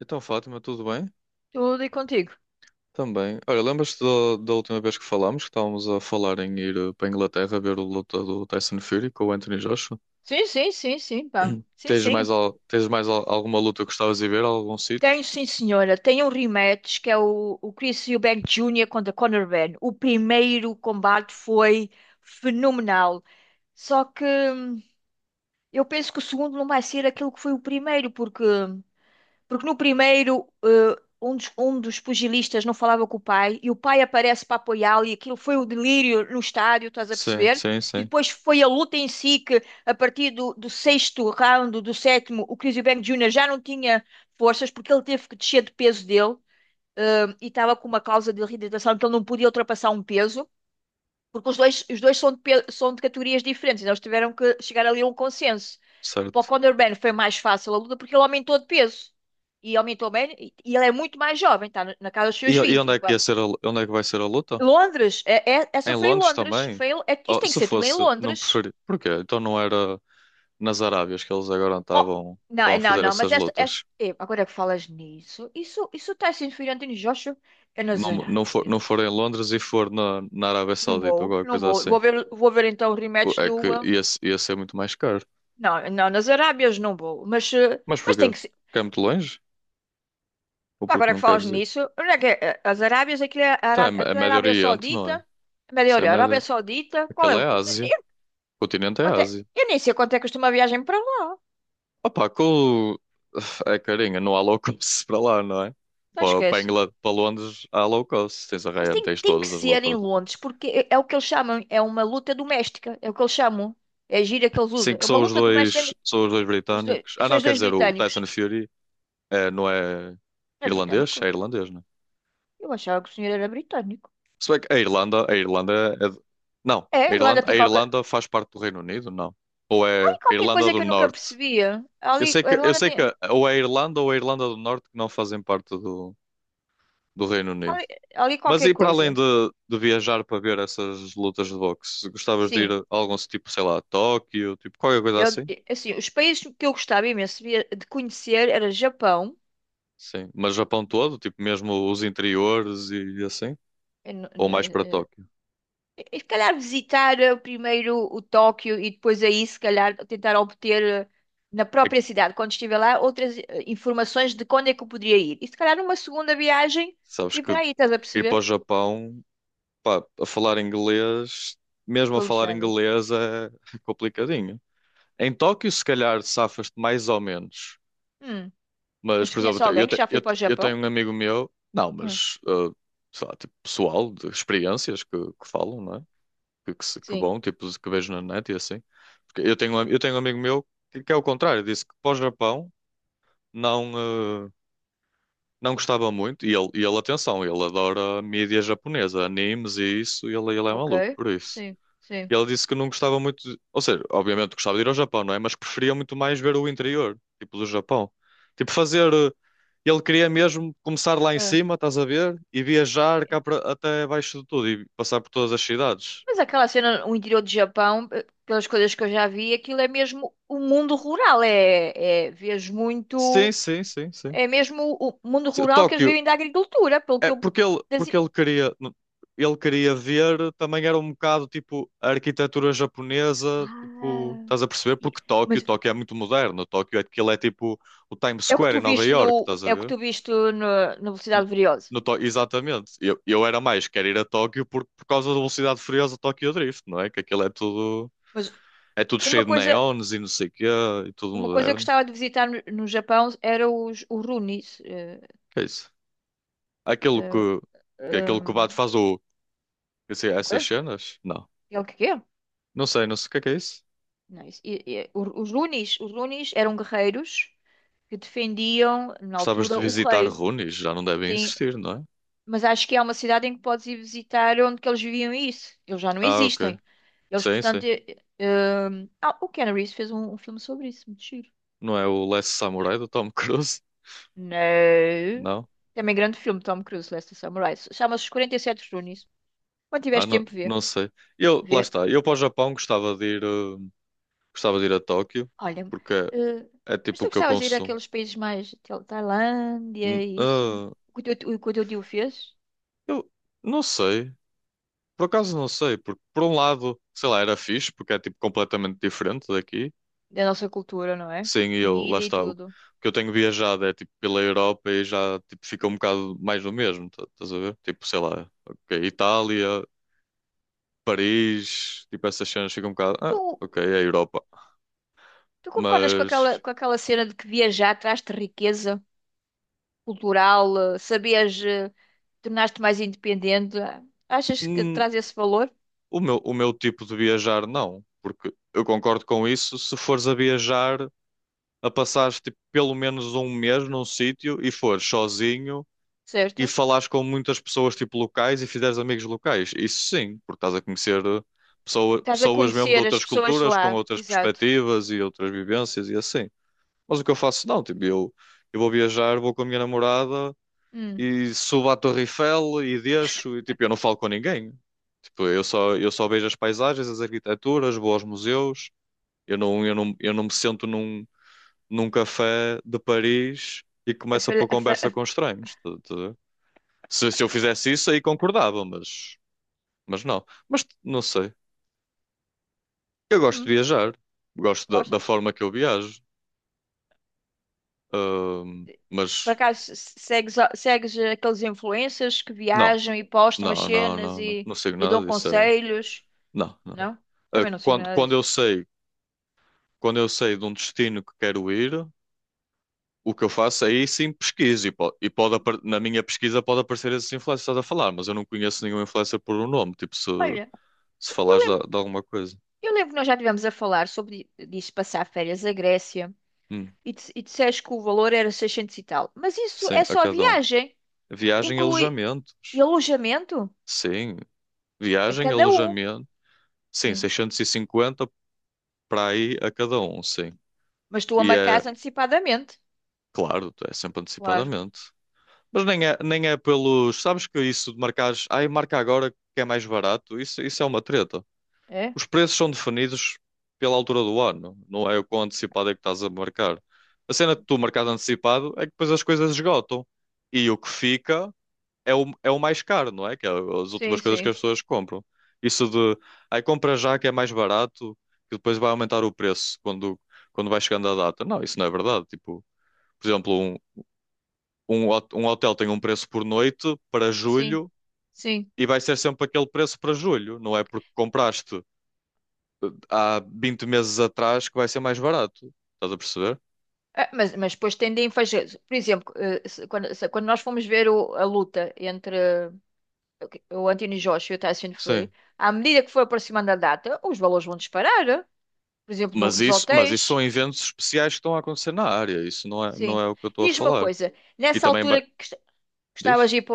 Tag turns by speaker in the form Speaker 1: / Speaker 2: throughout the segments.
Speaker 1: Então, Fátima, tudo bem?
Speaker 2: Tudo e contigo.
Speaker 1: Também. Olha, lembras-te da última vez que falámos, que estávamos a falar em ir para a Inglaterra ver a luta do Tyson Fury com o Anthony Joshua?
Speaker 2: Sim, sim, sim, sim, pá. Sim,
Speaker 1: Tens mais,
Speaker 2: sim.
Speaker 1: al- tens mais al- alguma luta que gostavas de ver, algum sítio?
Speaker 2: Tem, sim, senhora. Tem um rematch que é o Chris Eubank Jr. contra Conor Benn. O primeiro combate foi fenomenal. Só que eu penso que o segundo não vai ser aquilo que foi o primeiro, porque no primeiro, um dos pugilistas não falava com o pai e o pai aparece para apoiá-lo, e aquilo foi o delírio no estádio, estás a
Speaker 1: Sim,
Speaker 2: perceber?
Speaker 1: sim,
Speaker 2: E
Speaker 1: sim.
Speaker 2: depois foi a luta em si que, a partir do sexto round, do sétimo, o Chris Eubank Jr. já não tinha forças porque ele teve que descer de peso dele, e estava com uma causa de reidratação que ele não podia ultrapassar um peso, porque os dois são são de categorias diferentes, então eles tiveram que chegar ali a um consenso. Para o
Speaker 1: Certo.
Speaker 2: Conor Ben foi mais fácil a luta porque ele aumentou de peso. E aumentou bem. E ele é muito mais jovem, está na casa dos
Speaker 1: E,
Speaker 2: seus
Speaker 1: e
Speaker 2: vinte,
Speaker 1: onde é que vai ser a luta?
Speaker 2: Londres,
Speaker 1: Em
Speaker 2: essa foi em
Speaker 1: Londres
Speaker 2: Londres.
Speaker 1: também?
Speaker 2: Isto
Speaker 1: Oh,
Speaker 2: tem que
Speaker 1: se
Speaker 2: ser tudo em
Speaker 1: fosse, não
Speaker 2: Londres.
Speaker 1: preferia. Porquê? Então não era nas Arábias que eles agora
Speaker 2: Oh,
Speaker 1: estavam,
Speaker 2: não,
Speaker 1: estavam a
Speaker 2: não,
Speaker 1: fazer
Speaker 2: não, mas
Speaker 1: essas
Speaker 2: esta
Speaker 1: lutas.
Speaker 2: é, agora que falas nisso, isso está sendo Fernandinho Joshua, é nas
Speaker 1: Não, não for, não
Speaker 2: Arábias.
Speaker 1: for em Londres e for na Arábia
Speaker 2: Não
Speaker 1: Saudita ou
Speaker 2: vou,
Speaker 1: qualquer
Speaker 2: não
Speaker 1: coisa
Speaker 2: vou.
Speaker 1: assim.
Speaker 2: Vou ver então o rematch
Speaker 1: É que esse é muito mais caro.
Speaker 2: não, não, nas Arábias não vou. Mas, eh,
Speaker 1: Mas
Speaker 2: mas
Speaker 1: porquê?
Speaker 2: tem que ser.
Speaker 1: Porque é muito longe? Ou porque
Speaker 2: Agora
Speaker 1: não
Speaker 2: que falas
Speaker 1: queres ir?
Speaker 2: nisso, onde é que é? As Arábias, aquilo é,
Speaker 1: Tá,
Speaker 2: Ará-
Speaker 1: É
Speaker 2: aquilo é
Speaker 1: Médio
Speaker 2: Arábia
Speaker 1: Oriente, não
Speaker 2: Saudita,
Speaker 1: é?
Speaker 2: Médio
Speaker 1: Isso é
Speaker 2: Oriente, Arábia
Speaker 1: Médio.
Speaker 2: Saudita, qual
Speaker 1: Aquilo
Speaker 2: é?
Speaker 1: é Ásia.
Speaker 2: Eu,
Speaker 1: O continente é
Speaker 2: até-
Speaker 1: Ásia.
Speaker 2: eu nem sei quanto é que custa uma viagem para lá,
Speaker 1: Opa. É carinha, não há low cost para lá, não é?
Speaker 2: não
Speaker 1: Para
Speaker 2: esquece.
Speaker 1: Inglaterra, para Londres há low cost. Tens a
Speaker 2: Mas
Speaker 1: Ryanair,
Speaker 2: tem,
Speaker 1: tens
Speaker 2: tem que
Speaker 1: todas as low
Speaker 2: ser em
Speaker 1: cost.
Speaker 2: Londres, porque é o que eles chamam, é uma luta doméstica, é o que eles chamam, é a gíria que eles
Speaker 1: Sim,
Speaker 2: usam,
Speaker 1: que
Speaker 2: é uma
Speaker 1: são os
Speaker 2: luta doméstica,
Speaker 1: dois,
Speaker 2: entre
Speaker 1: são os dois britânicos. Ah,
Speaker 2: são
Speaker 1: não,
Speaker 2: os
Speaker 1: quer
Speaker 2: dois
Speaker 1: dizer, o
Speaker 2: britânicos.
Speaker 1: Tyson Fury não é
Speaker 2: É
Speaker 1: irlandês?
Speaker 2: britânico?
Speaker 1: É irlandês, não é?
Speaker 2: Eu achava que o senhor era britânico.
Speaker 1: Se bem que a Irlanda é. Não,
Speaker 2: É, a
Speaker 1: a
Speaker 2: Irlanda
Speaker 1: Irlanda, a
Speaker 2: tem qualquer,
Speaker 1: Irlanda faz parte do Reino Unido, não. Ou é a
Speaker 2: tem qualquer
Speaker 1: Irlanda
Speaker 2: coisa
Speaker 1: do
Speaker 2: que eu nunca
Speaker 1: Norte.
Speaker 2: percebia.
Speaker 1: Eu
Speaker 2: Ali,
Speaker 1: sei
Speaker 2: a
Speaker 1: que, eu
Speaker 2: Irlanda
Speaker 1: sei que
Speaker 2: tem
Speaker 1: ou é a Irlanda ou é a Irlanda do Norte que não fazem parte do Reino Unido.
Speaker 2: ali ali
Speaker 1: Mas
Speaker 2: qualquer
Speaker 1: e para além
Speaker 2: coisa,
Speaker 1: de viajar para ver essas lutas de boxe, gostavas de ir
Speaker 2: sim.
Speaker 1: a algum tipo, sei lá, a Tóquio, tipo qualquer coisa
Speaker 2: Eu,
Speaker 1: assim?
Speaker 2: assim, os países que eu gostava imenso de conhecer era Japão.
Speaker 1: Sim, mas Japão todo, tipo mesmo os interiores e assim?
Speaker 2: eh, n- n-
Speaker 1: Ou mais para
Speaker 2: eh,
Speaker 1: Tóquio?
Speaker 2: eh, e se calhar visitar primeiro o Tóquio, e depois aí se calhar tentar obter, na
Speaker 1: É que
Speaker 2: própria cidade, quando estiver lá, outras informações de quando é que eu poderia ir. E se calhar numa segunda viagem
Speaker 1: sabes
Speaker 2: e
Speaker 1: que
Speaker 2: para aí, estás a
Speaker 1: ir para
Speaker 2: perceber?
Speaker 1: o Japão pá, a falar inglês, mesmo a
Speaker 2: Estou
Speaker 1: falar
Speaker 2: lixada.
Speaker 1: inglês é complicadinho. Em Tóquio, se calhar, safas-te mais ou menos.
Speaker 2: Hum,
Speaker 1: Mas,
Speaker 2: Mas tu
Speaker 1: por exemplo, eu,
Speaker 2: conheces
Speaker 1: te- eu,
Speaker 2: alguém que
Speaker 1: te-
Speaker 2: já
Speaker 1: eu
Speaker 2: foi para
Speaker 1: te-
Speaker 2: o
Speaker 1: eu tenho
Speaker 2: Japão?
Speaker 1: um amigo meu, não,
Speaker 2: Hum.
Speaker 1: mas, sei lá, tipo, pessoal, de experiências que falam, não é? Que, se- que
Speaker 2: Sim.
Speaker 1: bom, tipo, que vejo na net e assim. Porque eu tenho um amigo meu que é o contrário, disse que para o Japão não, ah, não gostava muito. E ele, atenção, ele adora mídia japonesa, animes e isso, e ele é
Speaker 2: Ok.
Speaker 1: maluco por isso.
Speaker 2: Sim, sim.
Speaker 1: E ela disse que não gostava muito, ou seja, obviamente gostava de ir ao Japão, não é? Mas preferia muito mais ver o interior, tipo do Japão. Tipo ele queria mesmo começar lá em
Speaker 2: Ah.
Speaker 1: cima, estás a ver? E viajar cá para, até abaixo de tudo e passar por todas as cidades.
Speaker 2: Mas aquela cena, o interior do Japão, pelas coisas que eu já vi, aquilo é mesmo o mundo rural. É, vês
Speaker 1: Sim,
Speaker 2: muito.
Speaker 1: sim, sim, sim.
Speaker 2: É mesmo o mundo rural, que eles
Speaker 1: Tóquio,
Speaker 2: vivem da agricultura, pelo que
Speaker 1: é
Speaker 2: eu.
Speaker 1: porque ele,
Speaker 2: das-
Speaker 1: porque ele queria, ele queria ver, também era um bocado tipo a arquitetura japonesa, tipo,
Speaker 2: Ah,
Speaker 1: estás a perceber?
Speaker 2: e-
Speaker 1: Porque Tóquio,
Speaker 2: mas
Speaker 1: Tóquio é muito moderno, Tóquio é aquilo é tipo o Times
Speaker 2: é o que
Speaker 1: Square
Speaker 2: tu
Speaker 1: em Nova
Speaker 2: viste no.
Speaker 1: York, estás a
Speaker 2: É o que
Speaker 1: ver?
Speaker 2: tu viste no, na
Speaker 1: No,
Speaker 2: Velocidade Furiosa.
Speaker 1: no Tó- Exatamente. Eu era mais, quero ir a Tóquio por, causa da velocidade furiosa Tóquio Drift, não é? Que aquilo é tudo,
Speaker 2: Mas
Speaker 1: é tudo
Speaker 2: uma
Speaker 1: cheio de
Speaker 2: coisa.
Speaker 1: neons e não sei o quê, e tudo
Speaker 2: Uma coisa que eu
Speaker 1: moderno.
Speaker 2: gostava de visitar no Japão era os Runis.
Speaker 1: Que é isso? Aquilo que,
Speaker 2: Eh,
Speaker 1: que aquilo
Speaker 2: eh,
Speaker 1: que o Bato faz o, eu sei,
Speaker 2: o
Speaker 1: essas
Speaker 2: quê?
Speaker 1: cenas? Não.
Speaker 2: É o que quê?
Speaker 1: Não sei, não sei o que é isso.
Speaker 2: Não, os Runis eram guerreiros que defendiam, na
Speaker 1: Gostavas
Speaker 2: altura,
Speaker 1: de
Speaker 2: o
Speaker 1: visitar
Speaker 2: rei.
Speaker 1: Runis, já não devem
Speaker 2: Sim,
Speaker 1: existir, não é?
Speaker 2: mas acho que há uma cidade em que podes ir visitar onde que eles viviam isso. Eles já não
Speaker 1: Ah, ok.
Speaker 2: existem. Eles,
Speaker 1: Sim,
Speaker 2: portanto.
Speaker 1: sim.
Speaker 2: O Keanu Reeves fez um filme sobre isso, muito giro.
Speaker 1: Não é o Last Samurai do Tom Cruise?
Speaker 2: Não.
Speaker 1: Não.
Speaker 2: Também grande filme, Tom Cruise, Last Samurai. Chama-se Os 47 Runis. Quando
Speaker 1: Ah,
Speaker 2: tiveres
Speaker 1: não,
Speaker 2: tempo, vê.
Speaker 1: não sei. Eu, lá
Speaker 2: Vê.
Speaker 1: está. Eu para o Japão gostava de ir a Tóquio.
Speaker 2: Olha,
Speaker 1: Porque
Speaker 2: eh,
Speaker 1: é
Speaker 2: mas
Speaker 1: tipo
Speaker 2: tu
Speaker 1: o que eu
Speaker 2: gostavas de ir
Speaker 1: consumo.
Speaker 2: àqueles países mais Tailândia
Speaker 1: N-
Speaker 2: e isso?
Speaker 1: ah,
Speaker 2: O que o teu tio fez?
Speaker 1: eu não sei. Por acaso não sei. Porque por um lado, sei lá, era fixe, porque é tipo completamente diferente daqui.
Speaker 2: Da nossa cultura, não é?
Speaker 1: Sim, e eu, lá
Speaker 2: Comida e
Speaker 1: está. O
Speaker 2: tudo.
Speaker 1: que eu tenho viajado é tipo pela Europa e já tipo, fica um bocado mais do mesmo. Estás a ver? Tipo, sei lá, ok, Itália, Paris, tipo essas cenas ficam um bocado.
Speaker 2: Tu,
Speaker 1: Ah, ok, é a Europa.
Speaker 2: tu concordas
Speaker 1: Mas
Speaker 2: com aquela cena de que viajar traz-te riqueza cultural, sabias, tornar-te mais independente? Achas que
Speaker 1: hum,
Speaker 2: traz esse valor,
Speaker 1: o meu tipo de viajar não. Porque eu concordo com isso se fores a viajar, a passares tipo, pelo menos um mês num sítio e fores sozinho e
Speaker 2: certo?
Speaker 1: falares com muitas pessoas tipo locais e fizeres amigos locais. Isso sim, porque estás a conhecer
Speaker 2: Estás a
Speaker 1: pessoas mesmo de
Speaker 2: conhecer as
Speaker 1: outras
Speaker 2: pessoas de
Speaker 1: culturas, com
Speaker 2: lá,
Speaker 1: outras
Speaker 2: exato.
Speaker 1: perspectivas e outras vivências e assim. Mas o que eu faço não, tipo, eu vou viajar, vou com a minha namorada
Speaker 2: Hum,
Speaker 1: e subo à Torre Eiffel e deixo e tipo, eu não falo com ninguém. Tipo, eu só vejo as paisagens, as arquiteturas, vou aos museus. Eu não me sento num, num café de Paris e
Speaker 2: a,
Speaker 1: começo a pôr
Speaker 2: fa- a, fa-
Speaker 1: conversa
Speaker 2: a-
Speaker 1: com estranhos. Estás a ver? Se eu fizesse isso, aí concordava, mas, não. Mas não sei. Eu gosto de
Speaker 2: hum,
Speaker 1: viajar, gosto da
Speaker 2: Gostas?
Speaker 1: forma que eu viajo.
Speaker 2: Por
Speaker 1: Mas
Speaker 2: acaso segues aqueles influencers que
Speaker 1: não,
Speaker 2: viajam e postam as
Speaker 1: não, não,
Speaker 2: cenas,
Speaker 1: não, não,
Speaker 2: e,
Speaker 1: não sigo
Speaker 2: e dão
Speaker 1: nada disso.
Speaker 2: conselhos?
Speaker 1: Não, não.
Speaker 2: Não?
Speaker 1: Ah,
Speaker 2: Também não sigo
Speaker 1: quando,
Speaker 2: nada
Speaker 1: quando eu
Speaker 2: disso.
Speaker 1: sei, quando eu sei de um destino que quero ir, o que eu faço é aí sim pesquiso na minha pesquisa pode aparecer esses influencers que estás a falar, mas eu não conheço nenhum influencer por um nome. Tipo, se,
Speaker 2: Olha,
Speaker 1: Se
Speaker 2: eu
Speaker 1: falares de,
Speaker 2: lembro,
Speaker 1: de alguma coisa.
Speaker 2: eu lembro que nós já estivemos a falar sobre disso, passar férias à Grécia
Speaker 1: Hum,
Speaker 2: e disseste que o valor era 600 e tal. Mas isso
Speaker 1: sim,
Speaker 2: é
Speaker 1: a
Speaker 2: só a
Speaker 1: cada um.
Speaker 2: viagem.
Speaker 1: Viagem e
Speaker 2: Inclui e
Speaker 1: alojamentos.
Speaker 2: alojamento
Speaker 1: Sim.
Speaker 2: a
Speaker 1: Viagem,
Speaker 2: cada um.
Speaker 1: alojamento. Sim,
Speaker 2: Sim.
Speaker 1: 650 para aí a cada um, sim.
Speaker 2: Mas tu a
Speaker 1: E
Speaker 2: marcas
Speaker 1: é,
Speaker 2: antecipadamente.
Speaker 1: claro, é sempre
Speaker 2: Claro.
Speaker 1: antecipadamente. Mas nem é pelos. Sabes que isso de marcares. Ai, marca agora que é mais barato. Isso é uma treta.
Speaker 2: É?
Speaker 1: Os preços são definidos pela altura do ano. Não é o quão antecipado é que estás a marcar. A cena que tu marcas antecipado é que depois as coisas esgotam. E o que fica é o mais caro, não é? Que é as
Speaker 2: Sim,
Speaker 1: últimas coisas que as
Speaker 2: sim.
Speaker 1: pessoas compram. Isso de, aí compra já que é mais barato, que depois vai aumentar o preço quando, vai chegando a data. Não, isso não é verdade. Tipo, por exemplo, um hotel tem um preço por noite para
Speaker 2: Sim.
Speaker 1: julho
Speaker 2: Sim.
Speaker 1: e vai ser sempre aquele preço para julho. Não é porque compraste há 20 meses atrás que vai ser mais barato. Estás a perceber?
Speaker 2: Ah, mas depois tendem a fazer, por exemplo, quando nós fomos ver a luta entre, o Anthony Joshua e o Tyson
Speaker 1: Sim.
Speaker 2: Fury, à medida que foi aproximando a data, os valores vão disparar, eh? Por exemplo,
Speaker 1: Mas
Speaker 2: nos
Speaker 1: isso, mas isso são
Speaker 2: hotéis.
Speaker 1: eventos especiais que estão a acontecer na área. Isso não é, não
Speaker 2: Sim.
Speaker 1: é o que eu estou a
Speaker 2: Diz-me uma
Speaker 1: falar.
Speaker 2: coisa,
Speaker 1: E
Speaker 2: nessa
Speaker 1: também,
Speaker 2: altura que
Speaker 1: diz?
Speaker 2: gostavas de ir para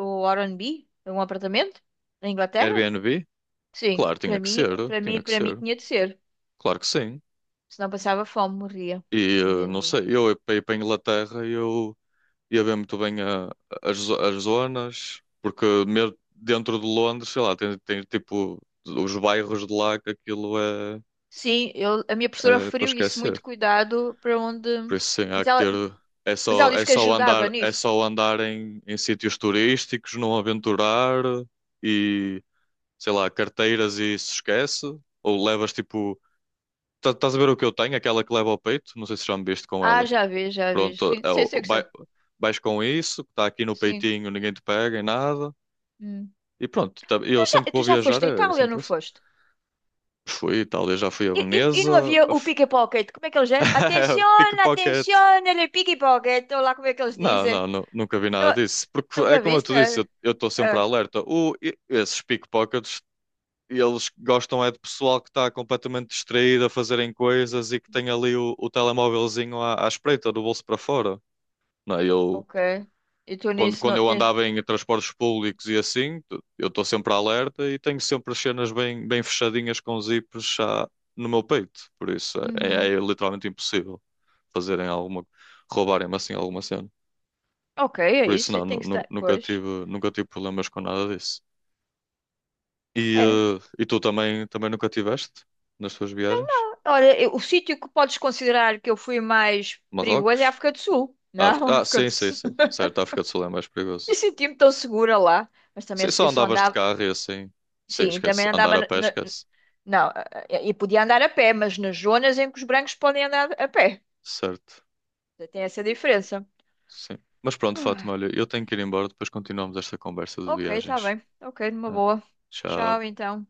Speaker 2: o R&B, um apartamento, na Inglaterra?
Speaker 1: Airbnb?
Speaker 2: Sim,
Speaker 1: Claro, tinha
Speaker 2: para
Speaker 1: que
Speaker 2: mim,
Speaker 1: ser,
Speaker 2: para mim,
Speaker 1: tinha que
Speaker 2: para mim
Speaker 1: ser.
Speaker 2: tinha de ser,
Speaker 1: Claro que sim.
Speaker 2: senão passava fome, morria,
Speaker 1: E
Speaker 2: tadinha de
Speaker 1: não
Speaker 2: mim.
Speaker 1: sei, eu para ir para a Inglaterra eu ia ver muito bem as zonas, porque mesmo dentro de Londres, sei lá, tem tipo os bairros de lá que aquilo é,
Speaker 2: Sim, a minha professora
Speaker 1: é para
Speaker 2: referiu isso, muito
Speaker 1: esquecer.
Speaker 2: cuidado para onde.
Speaker 1: Por isso sim, há
Speaker 2: Mas
Speaker 1: que
Speaker 2: ela,
Speaker 1: ter. É
Speaker 2: mas ela
Speaker 1: só, é
Speaker 2: disse que
Speaker 1: só
Speaker 2: ajudava
Speaker 1: andar, é
Speaker 2: nisso.
Speaker 1: só andar em sítios turísticos, não aventurar e sei lá, carteiras e se esquece, ou levas tipo Estás a ver o que eu tenho? Aquela que leva ao peito? Não sei se já me viste com
Speaker 2: Ah,
Speaker 1: ela.
Speaker 2: já vi, já vi.
Speaker 1: Pronto,
Speaker 2: Sim, sei, sei que já.
Speaker 1: vais com isso, que está aqui no
Speaker 2: Sim.
Speaker 1: peitinho, ninguém te pega em nada.
Speaker 2: Hum.
Speaker 1: E pronto,
Speaker 2: Tu
Speaker 1: eu sempre
Speaker 2: já,
Speaker 1: que
Speaker 2: tu
Speaker 1: vou
Speaker 2: já
Speaker 1: viajar
Speaker 2: foste à
Speaker 1: é
Speaker 2: Itália,
Speaker 1: sempre
Speaker 2: não
Speaker 1: assim.
Speaker 2: foste?
Speaker 1: Fui, e já fui a
Speaker 2: E não
Speaker 1: Veneza.
Speaker 2: havia o pickpocket? Como é que eles é? Atenzione,
Speaker 1: Pickpocket.
Speaker 2: atenzione, il pickpocket. Ou lá como é que eles
Speaker 1: Não,
Speaker 2: dizem.
Speaker 1: não, nunca vi nada
Speaker 2: Não-
Speaker 1: disso. Porque é
Speaker 2: Nunca
Speaker 1: como eu
Speaker 2: viste,
Speaker 1: te disse,
Speaker 2: né?
Speaker 1: eu estou sempre
Speaker 2: Ah,
Speaker 1: alerta. Esses pickpockets, eles gostam é de pessoal que está completamente distraído a fazerem coisas e que tem ali o telemóvelzinho à espreita, do bolso para fora. Não, é? Eu
Speaker 2: ok. E tu
Speaker 1: quando,
Speaker 2: nisso
Speaker 1: quando
Speaker 2: não
Speaker 1: eu
Speaker 2: tens.
Speaker 1: andava em transportes públicos e assim, eu estou sempre alerta e tenho sempre as cenas bem, bem fechadinhas com zips já no meu peito. Por isso é,
Speaker 2: Uhum.
Speaker 1: é é literalmente impossível fazerem alguma, roubarem-me assim alguma cena.
Speaker 2: Ok, é
Speaker 1: Por isso
Speaker 2: isso. é,
Speaker 1: não, nu-
Speaker 2: Tem que
Speaker 1: nu-
Speaker 2: estar.
Speaker 1: nunca
Speaker 2: Pois.
Speaker 1: tive, nunca tive problemas com nada disso. E,
Speaker 2: É.
Speaker 1: eh, e tu também nunca tiveste nas tuas viagens?
Speaker 2: Olha, o sítio que podes considerar que eu fui mais perigoso é a
Speaker 1: Marrocos?
Speaker 2: África do Sul. Não, a
Speaker 1: África? Ah,
Speaker 2: África do
Speaker 1: sim, sim,
Speaker 2: Sul.
Speaker 1: sim. Certo, a África do Sul é mais
Speaker 2: E
Speaker 1: perigoso.
Speaker 2: senti-me tão segura lá. Mas também
Speaker 1: Sim,
Speaker 2: eu
Speaker 1: só
Speaker 2: eu só
Speaker 1: andavas de
Speaker 2: andava.
Speaker 1: carro e assim. Sim,
Speaker 2: Sim,
Speaker 1: esquece.
Speaker 2: também
Speaker 1: Andar
Speaker 2: andava.
Speaker 1: a pé, esquece.
Speaker 2: Não, e podia andar a pé, mas nas zonas em que os brancos podem andar a pé.
Speaker 1: Certo.
Speaker 2: Tem essa diferença.
Speaker 1: Sim. Mas pronto, Fátima,
Speaker 2: Ai,
Speaker 1: olha, eu tenho que ir embora, depois continuamos esta conversa de
Speaker 2: ok, tá
Speaker 1: viagens.
Speaker 2: bem. Ok, numa
Speaker 1: Né?
Speaker 2: boa. Tchau,
Speaker 1: Tchau.
Speaker 2: então.